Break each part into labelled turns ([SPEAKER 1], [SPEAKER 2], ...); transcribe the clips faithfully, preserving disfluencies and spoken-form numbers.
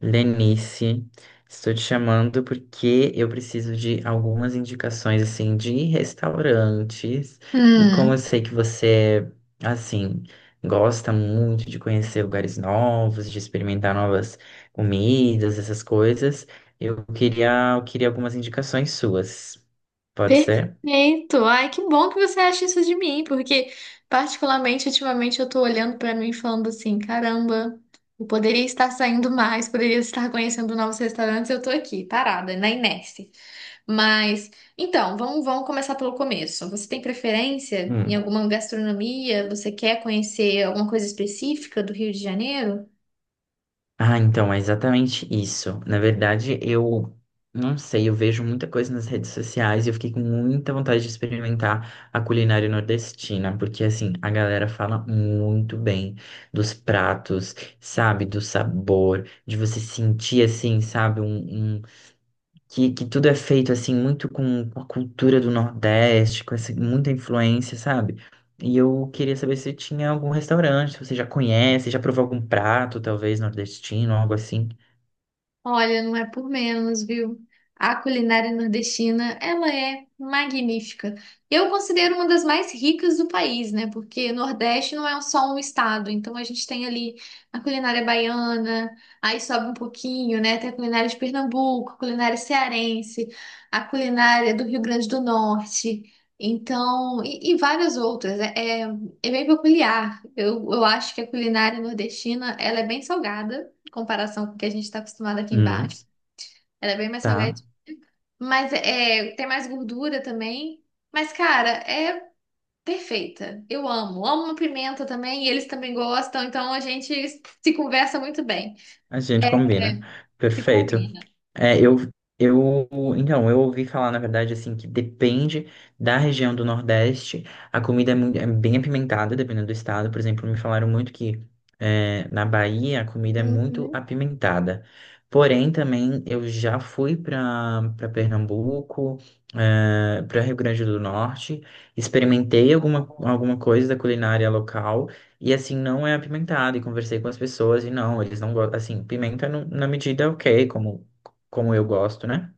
[SPEAKER 1] Lenice, estou te chamando porque eu preciso de algumas indicações assim de restaurantes e como eu
[SPEAKER 2] Hum,
[SPEAKER 1] sei que você é, assim gosta muito de conhecer lugares novos, de experimentar novas comidas, essas coisas, eu queria eu queria algumas indicações suas. Pode ser?
[SPEAKER 2] perfeito. Ai, que bom que você acha isso de mim, porque particularmente ultimamente eu tô olhando pra mim e falando assim, caramba, eu poderia estar saindo mais, poderia estar conhecendo novos restaurantes, eu tô aqui, parada, na inércia. Mas, então, vamos, vamos começar pelo começo. Você tem preferência em alguma gastronomia? Você quer conhecer alguma coisa específica do Rio de Janeiro?
[SPEAKER 1] Ah, então, é exatamente isso. Na verdade, eu não sei, eu vejo muita coisa nas redes sociais e eu fiquei com muita vontade de experimentar a culinária nordestina, porque assim, a galera fala muito bem dos pratos, sabe, do sabor, de você sentir assim, sabe, um, um que, que tudo é feito assim muito com, com a cultura do Nordeste, com essa, muita influência, sabe? E eu queria saber se tinha algum restaurante, se você já conhece, já provou algum prato, talvez nordestino, algo assim.
[SPEAKER 2] Olha, não é por menos, viu? A culinária nordestina, ela é magnífica. Eu considero uma das mais ricas do país, né? Porque Nordeste não é só um estado, então a gente tem ali a culinária baiana, aí sobe um pouquinho, né? Tem a culinária de Pernambuco, a culinária cearense, a culinária do Rio Grande do Norte, então, e, e várias outras. É, é, é bem peculiar. Eu, eu acho que a culinária nordestina, ela é bem salgada em comparação com o que a gente está acostumado aqui
[SPEAKER 1] Hum,
[SPEAKER 2] embaixo. Ela é bem mais salgada.
[SPEAKER 1] tá.
[SPEAKER 2] Mas é, tem mais gordura também. Mas, cara, é perfeita. Eu amo. Amo uma pimenta também, e eles também gostam, então a gente se conversa muito bem.
[SPEAKER 1] A gente combina.
[SPEAKER 2] É, se
[SPEAKER 1] Perfeito.
[SPEAKER 2] combina.
[SPEAKER 1] É, eu, eu, então, eu ouvi falar, na verdade, assim, que depende da região do Nordeste, a comida é, mui- é bem apimentada, dependendo do estado. Por exemplo, me falaram muito que é, na Bahia a comida é muito
[SPEAKER 2] Uhum.
[SPEAKER 1] apimentada. Porém, também eu já fui para para Pernambuco, para Rio Grande do Norte, experimentei alguma, alguma coisa da culinária local. E assim, não é apimentado. E conversei com as pessoas e não, eles não gostam. Assim, pimenta no- na medida ok, como como eu gosto, né?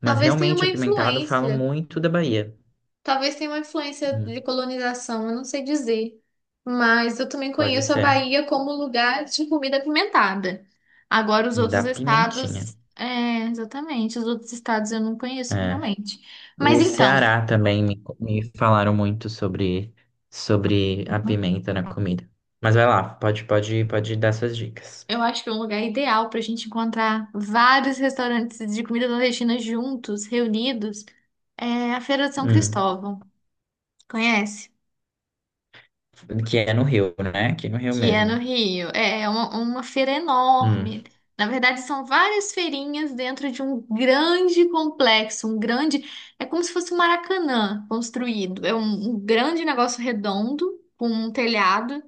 [SPEAKER 1] Mas
[SPEAKER 2] Talvez tenha
[SPEAKER 1] realmente
[SPEAKER 2] uma
[SPEAKER 1] apimentado falam
[SPEAKER 2] influência.
[SPEAKER 1] muito da Bahia.
[SPEAKER 2] Talvez tenha uma influência de
[SPEAKER 1] Hum,
[SPEAKER 2] colonização, eu não sei dizer. Mas eu também
[SPEAKER 1] pode
[SPEAKER 2] conheço a
[SPEAKER 1] ser.
[SPEAKER 2] Bahia como lugar de comida apimentada. Agora, os
[SPEAKER 1] Da
[SPEAKER 2] outros
[SPEAKER 1] pimentinha.
[SPEAKER 2] estados. É, exatamente. Os outros estados eu não conheço
[SPEAKER 1] É.
[SPEAKER 2] realmente. Mas
[SPEAKER 1] O
[SPEAKER 2] então,
[SPEAKER 1] Ceará também me, me falaram muito sobre, sobre a pimenta na comida. Mas vai lá, pode, pode, pode dar suas dicas.
[SPEAKER 2] eu acho que é um lugar ideal para a gente encontrar vários restaurantes de comida nordestina juntos, reunidos. É a Feira de São
[SPEAKER 1] Hum.
[SPEAKER 2] Cristóvão. Conhece?
[SPEAKER 1] Que é no Rio, né? Aqui no Rio
[SPEAKER 2] Que é no
[SPEAKER 1] mesmo.
[SPEAKER 2] Rio. É é uma, uma feira
[SPEAKER 1] Hum.
[SPEAKER 2] enorme. Na verdade, são várias feirinhas dentro de um grande complexo, um grande. É como se fosse um Maracanã construído. É um, um grande negócio redondo, com um telhado,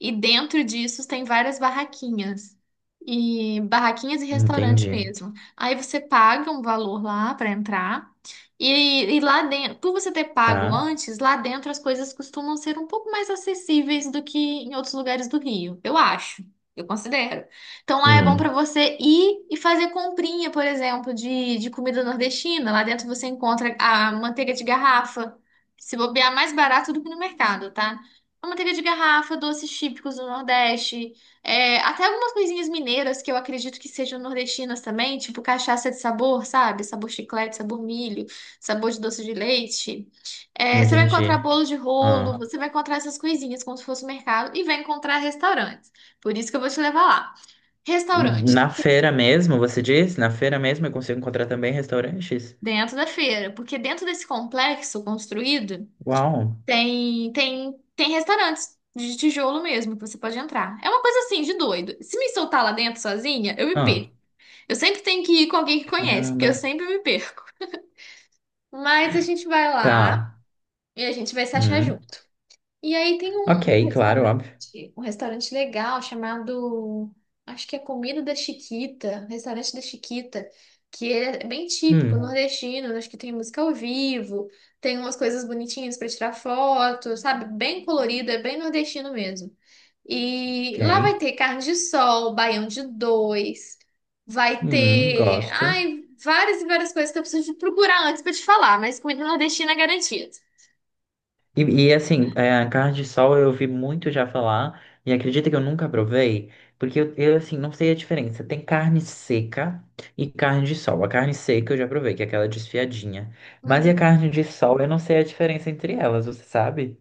[SPEAKER 2] e dentro disso tem várias barraquinhas. E barraquinhas e restaurantes
[SPEAKER 1] Entendi.
[SPEAKER 2] mesmo. Aí você paga um valor lá para entrar. E, e lá dentro, por você ter pago
[SPEAKER 1] Tá?
[SPEAKER 2] antes, lá dentro as coisas costumam ser um pouco mais acessíveis do que em outros lugares do Rio. Eu acho. Eu considero. Então lá é bom para
[SPEAKER 1] Hum.
[SPEAKER 2] você ir e fazer comprinha, por exemplo, de, de comida nordestina. Lá dentro você encontra a manteiga de garrafa. Se bobear mais barato do que no mercado, tá? A manteiga de garrafa, doces típicos do Nordeste, é, até algumas coisinhas mineiras que eu acredito que sejam nordestinas também, tipo cachaça de sabor, sabe? Sabor chiclete, sabor milho, sabor de doce de leite. É, você vai encontrar
[SPEAKER 1] Entendi.
[SPEAKER 2] bolo de rolo,
[SPEAKER 1] Ah.
[SPEAKER 2] você vai encontrar essas coisinhas como se fosse um mercado e vai encontrar restaurantes. Por isso que eu vou te levar lá. Restaurante,
[SPEAKER 1] Na feira mesmo, você diz? Na feira mesmo eu consigo encontrar também restaurantes?
[SPEAKER 2] dentro da feira, porque dentro desse complexo construído.
[SPEAKER 1] Uau!
[SPEAKER 2] Tem, tem, tem restaurantes de tijolo mesmo que você pode entrar. É uma coisa assim de doido. Se me soltar lá dentro sozinha, eu me
[SPEAKER 1] Ah.
[SPEAKER 2] perco. Eu sempre tenho que ir com alguém que conhece, porque eu
[SPEAKER 1] Caramba.
[SPEAKER 2] sempre me perco. Mas a gente vai lá
[SPEAKER 1] Tá.
[SPEAKER 2] e a gente vai se achar
[SPEAKER 1] Hum.
[SPEAKER 2] junto. E aí tem um, um
[SPEAKER 1] Ok, claro, óbvio.
[SPEAKER 2] restaurante, um restaurante legal chamado, acho que é Comida da Chiquita, Restaurante da Chiquita, que é bem típico
[SPEAKER 1] Hum.
[SPEAKER 2] nordestino, acho que tem música ao vivo, tem umas coisas bonitinhas para tirar foto, sabe? Bem colorido, é bem nordestino mesmo. E
[SPEAKER 1] Ok.
[SPEAKER 2] lá vai ter carne de sol, baião de dois, vai
[SPEAKER 1] Hum,
[SPEAKER 2] ter,
[SPEAKER 1] gosto.
[SPEAKER 2] ai, várias e várias coisas que eu preciso procurar antes para te falar, mas comida nordestina é garantida.
[SPEAKER 1] E, e, assim, é, carne de sol eu ouvi muito já falar e acredita que eu nunca provei, porque eu, eu, assim, não sei a diferença. Tem carne seca e carne de sol. A carne seca eu já provei, que é aquela desfiadinha. Mas e a carne de sol, eu não sei a diferença entre elas, você sabe?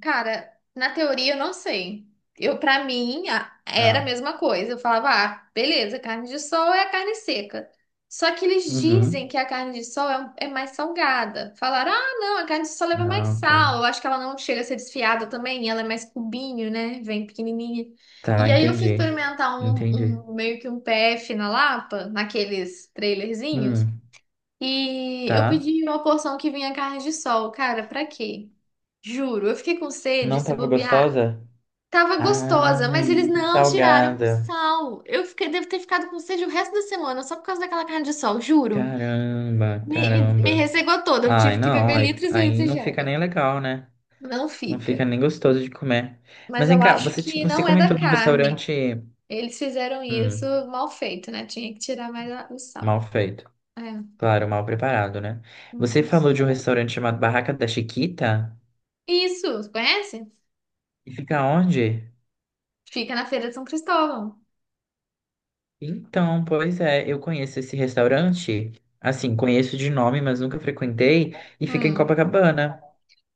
[SPEAKER 2] Cara, na teoria eu não sei. Eu, para mim, a- era a
[SPEAKER 1] Tá.
[SPEAKER 2] mesma coisa. Eu falava, ah, beleza, carne de sol é a carne seca. Só que eles dizem
[SPEAKER 1] Uhum.
[SPEAKER 2] que a carne de sol é, um- é mais salgada. Falaram, ah, não, a carne de sol leva mais
[SPEAKER 1] Ah, ok.
[SPEAKER 2] sal. Eu acho que ela não chega a ser desfiada também. Ela é mais cubinho, né? Vem pequenininha.
[SPEAKER 1] Tá,
[SPEAKER 2] E aí eu fui
[SPEAKER 1] entendi.
[SPEAKER 2] experimentar um,
[SPEAKER 1] Entendi.
[SPEAKER 2] um- meio que um P F na Lapa, naqueles trailerzinhos.
[SPEAKER 1] Hum,
[SPEAKER 2] E eu
[SPEAKER 1] tá.
[SPEAKER 2] pedi uma porção que vinha carne de sol. Cara, pra quê? Juro, eu fiquei com sede,
[SPEAKER 1] Não
[SPEAKER 2] se
[SPEAKER 1] tava
[SPEAKER 2] bobear.
[SPEAKER 1] gostosa?
[SPEAKER 2] Tava gostosa,
[SPEAKER 1] Ai,
[SPEAKER 2] mas eles
[SPEAKER 1] muito
[SPEAKER 2] não tiraram
[SPEAKER 1] salgada.
[SPEAKER 2] sal. Eu fiquei, devo ter ficado com sede o resto da semana, só por causa daquela carne de sol, juro.
[SPEAKER 1] Caramba,
[SPEAKER 2] Me, me, me
[SPEAKER 1] caramba.
[SPEAKER 2] ressecou toda, eu
[SPEAKER 1] Ai,
[SPEAKER 2] tive que
[SPEAKER 1] não,
[SPEAKER 2] beber
[SPEAKER 1] aí,
[SPEAKER 2] litros e
[SPEAKER 1] aí
[SPEAKER 2] litros de
[SPEAKER 1] não fica
[SPEAKER 2] água.
[SPEAKER 1] nem legal, né?
[SPEAKER 2] Não
[SPEAKER 1] Não fica
[SPEAKER 2] fica.
[SPEAKER 1] nem gostoso de comer.
[SPEAKER 2] Mas
[SPEAKER 1] Mas vem
[SPEAKER 2] eu
[SPEAKER 1] cá,
[SPEAKER 2] acho
[SPEAKER 1] você tinha,
[SPEAKER 2] que
[SPEAKER 1] você
[SPEAKER 2] não é da
[SPEAKER 1] comentou de um
[SPEAKER 2] carne.
[SPEAKER 1] restaurante,
[SPEAKER 2] Eles fizeram isso
[SPEAKER 1] hum,
[SPEAKER 2] mal feito, né? Tinha que tirar mais a- o
[SPEAKER 1] mal
[SPEAKER 2] sal.
[SPEAKER 1] feito.
[SPEAKER 2] É.
[SPEAKER 1] Claro, mal preparado, né? Você
[SPEAKER 2] Uhum.
[SPEAKER 1] falou de um restaurante chamado Barraca da Chiquita?
[SPEAKER 2] Isso, conhece?
[SPEAKER 1] E fica onde?
[SPEAKER 2] Fica na Feira de São Cristóvão.
[SPEAKER 1] Então, pois é, eu conheço esse restaurante. Assim, conheço de nome, mas nunca frequentei. E fica em
[SPEAKER 2] Hum.
[SPEAKER 1] Copacabana.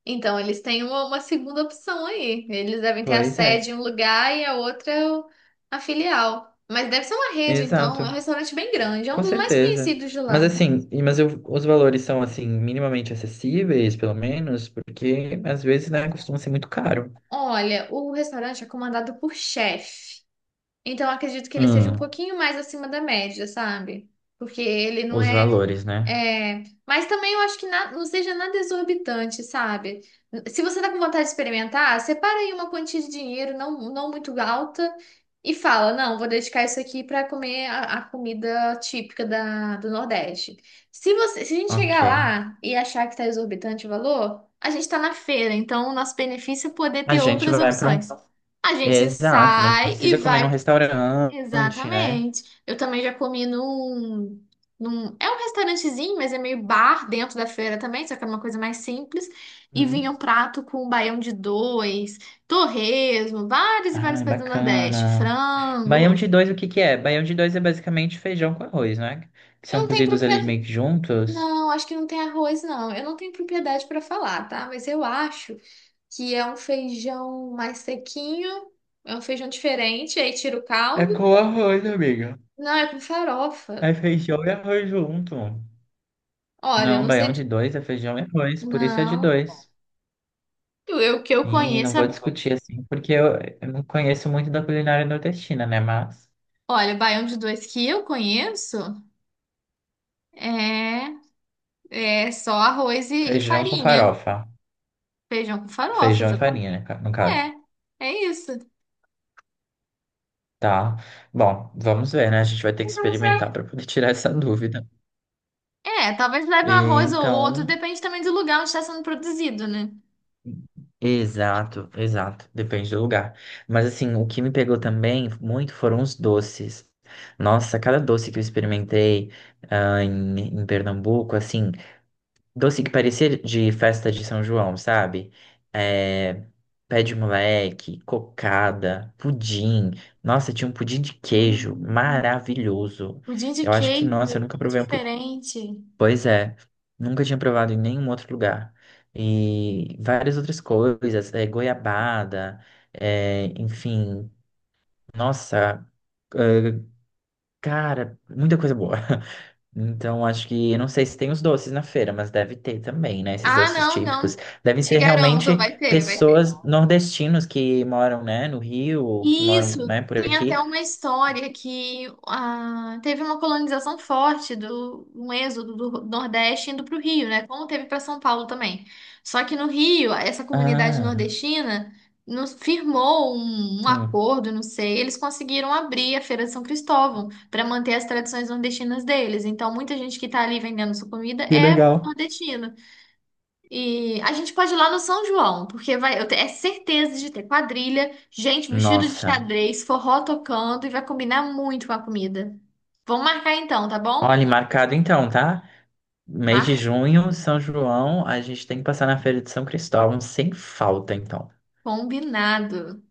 [SPEAKER 2] Então, eles têm uma, uma segunda opção aí. Eles devem ter a
[SPEAKER 1] Pois é,
[SPEAKER 2] sede em um lugar e a outra é o- a filial. Mas deve ser uma rede, então. É um
[SPEAKER 1] exato.
[SPEAKER 2] restaurante bem grande. É um
[SPEAKER 1] Com
[SPEAKER 2] dos mais
[SPEAKER 1] certeza.
[SPEAKER 2] conhecidos de
[SPEAKER 1] Mas
[SPEAKER 2] lá.
[SPEAKER 1] assim, e- mas eu- os valores são assim, minimamente acessíveis, pelo menos, porque às vezes, né, costuma ser muito caro.
[SPEAKER 2] Olha, o restaurante é comandado por chefe. Então, eu acredito que ele seja um
[SPEAKER 1] Hum,
[SPEAKER 2] pouquinho mais acima da média, sabe? Porque ele não
[SPEAKER 1] os
[SPEAKER 2] é.
[SPEAKER 1] valores, né?
[SPEAKER 2] É, mas também eu acho que na- não seja nada exorbitante, sabe? Se você tá com vontade de experimentar, separa aí uma quantia de dinheiro não, não muito alta e fala, não, vou dedicar isso aqui para comer a, a comida típica da, do Nordeste. Se você, se a gente
[SPEAKER 1] Ok.
[SPEAKER 2] chegar lá e achar que tá exorbitante o valor, a gente tá na feira, então o nosso benefício é poder
[SPEAKER 1] A
[SPEAKER 2] ter
[SPEAKER 1] gente
[SPEAKER 2] outras
[SPEAKER 1] vai para um.
[SPEAKER 2] opções. A
[SPEAKER 1] É,
[SPEAKER 2] gente
[SPEAKER 1] exato, não
[SPEAKER 2] sai e
[SPEAKER 1] precisa comer num
[SPEAKER 2] vai
[SPEAKER 1] restaurante, né?
[SPEAKER 2] Exatamente. Eu também já comi num num- é um restaurantezinho, mas é meio bar dentro da feira também, só que é uma coisa mais simples. E vinha
[SPEAKER 1] Hum.
[SPEAKER 2] um prato com um baião de dois, torresmo, várias e várias
[SPEAKER 1] Ai,
[SPEAKER 2] coisas do Nordeste,
[SPEAKER 1] bacana. Baião
[SPEAKER 2] frango.
[SPEAKER 1] de dois, o que que é? Baião de dois é basicamente feijão com arroz, né? Que
[SPEAKER 2] Eu
[SPEAKER 1] são
[SPEAKER 2] não tenho
[SPEAKER 1] cozidos ali
[SPEAKER 2] propriedade.
[SPEAKER 1] meio que juntos.
[SPEAKER 2] Não, acho que não tem arroz, não. Eu não tenho propriedade para falar, tá? Mas eu acho que é um feijão mais sequinho, é um feijão diferente, aí tira o
[SPEAKER 1] É
[SPEAKER 2] caldo.
[SPEAKER 1] com arroz, amiga.
[SPEAKER 2] Não, é com farofa.
[SPEAKER 1] É feijão e arroz junto.
[SPEAKER 2] Olha, eu
[SPEAKER 1] Não,
[SPEAKER 2] não sei.
[SPEAKER 1] baião de
[SPEAKER 2] De.
[SPEAKER 1] dois é feijão e arroz, por isso é de
[SPEAKER 2] Não.
[SPEAKER 1] dois.
[SPEAKER 2] Eu, eu que eu
[SPEAKER 1] E não
[SPEAKER 2] conheço. É.
[SPEAKER 1] vou discutir assim, porque eu, eu não conheço muito da culinária nordestina, né? Mas
[SPEAKER 2] Olha, o baião de dois que eu conheço é, é só arroz e, e
[SPEAKER 1] feijão com
[SPEAKER 2] farinha.
[SPEAKER 1] farofa,
[SPEAKER 2] Feijão com farofa,
[SPEAKER 1] feijão e
[SPEAKER 2] só com.
[SPEAKER 1] farinha, né, ca- no caso.
[SPEAKER 2] É, é isso.
[SPEAKER 1] Tá. Bom, vamos ver, né? A gente vai ter que experimentar para poder tirar essa dúvida.
[SPEAKER 2] É, talvez leve um
[SPEAKER 1] E
[SPEAKER 2] arroz ou outro,
[SPEAKER 1] então,
[SPEAKER 2] depende também do lugar onde está sendo produzido, né?
[SPEAKER 1] exato, exato, depende do lugar. Mas assim, o que me pegou também muito foram os doces. Nossa, cada doce que eu experimentei ah, em, em Pernambuco, assim. Doce que parecia de festa de São João, sabe? É, pé de moleque, cocada, pudim. Nossa, tinha um pudim de queijo
[SPEAKER 2] Hum,
[SPEAKER 1] maravilhoso.
[SPEAKER 2] pudim de
[SPEAKER 1] Eu acho que, nossa, eu
[SPEAKER 2] queijo,
[SPEAKER 1] nunca
[SPEAKER 2] que
[SPEAKER 1] provei um pudim.
[SPEAKER 2] diferente.
[SPEAKER 1] Pois é, nunca tinha provado em nenhum outro lugar. E várias outras coisas, é, goiabada, é, enfim. Nossa, eh, cara, muita coisa boa. Então, acho que, eu não sei se tem os doces na feira, mas deve ter também, né? Esses
[SPEAKER 2] Ah,
[SPEAKER 1] doces
[SPEAKER 2] não, não.
[SPEAKER 1] típicos. Devem
[SPEAKER 2] Te
[SPEAKER 1] ser
[SPEAKER 2] garanto,
[SPEAKER 1] realmente
[SPEAKER 2] vai ter, vai ter.
[SPEAKER 1] pessoas nordestinos que moram, né, no Rio, ou que moram,
[SPEAKER 2] Isso,
[SPEAKER 1] né, por
[SPEAKER 2] tem até
[SPEAKER 1] aqui.
[SPEAKER 2] uma história que ah, teve uma colonização forte do um êxodo do Nordeste indo para o Rio, né? Como teve para São Paulo também. Só que no Rio, essa comunidade
[SPEAKER 1] Ah,
[SPEAKER 2] nordestina nos firmou um, um
[SPEAKER 1] hum.
[SPEAKER 2] acordo, não sei, eles conseguiram abrir a Feira de São Cristóvão para manter as tradições nordestinas deles. Então, muita gente que está ali vendendo sua comida
[SPEAKER 1] Que
[SPEAKER 2] é
[SPEAKER 1] legal.
[SPEAKER 2] nordestina. E a gente pode ir lá no São João, porque vai, eu tenho é certeza de ter quadrilha, gente vestida de
[SPEAKER 1] Nossa.
[SPEAKER 2] xadrez, forró tocando e vai combinar muito com a comida. Vamos marcar então, tá bom?
[SPEAKER 1] Olha, marcado então, tá? Mês de
[SPEAKER 2] Mar
[SPEAKER 1] junho, São João, a gente tem que passar na Feira de São Cristóvão sem falta, então.
[SPEAKER 2] combinado.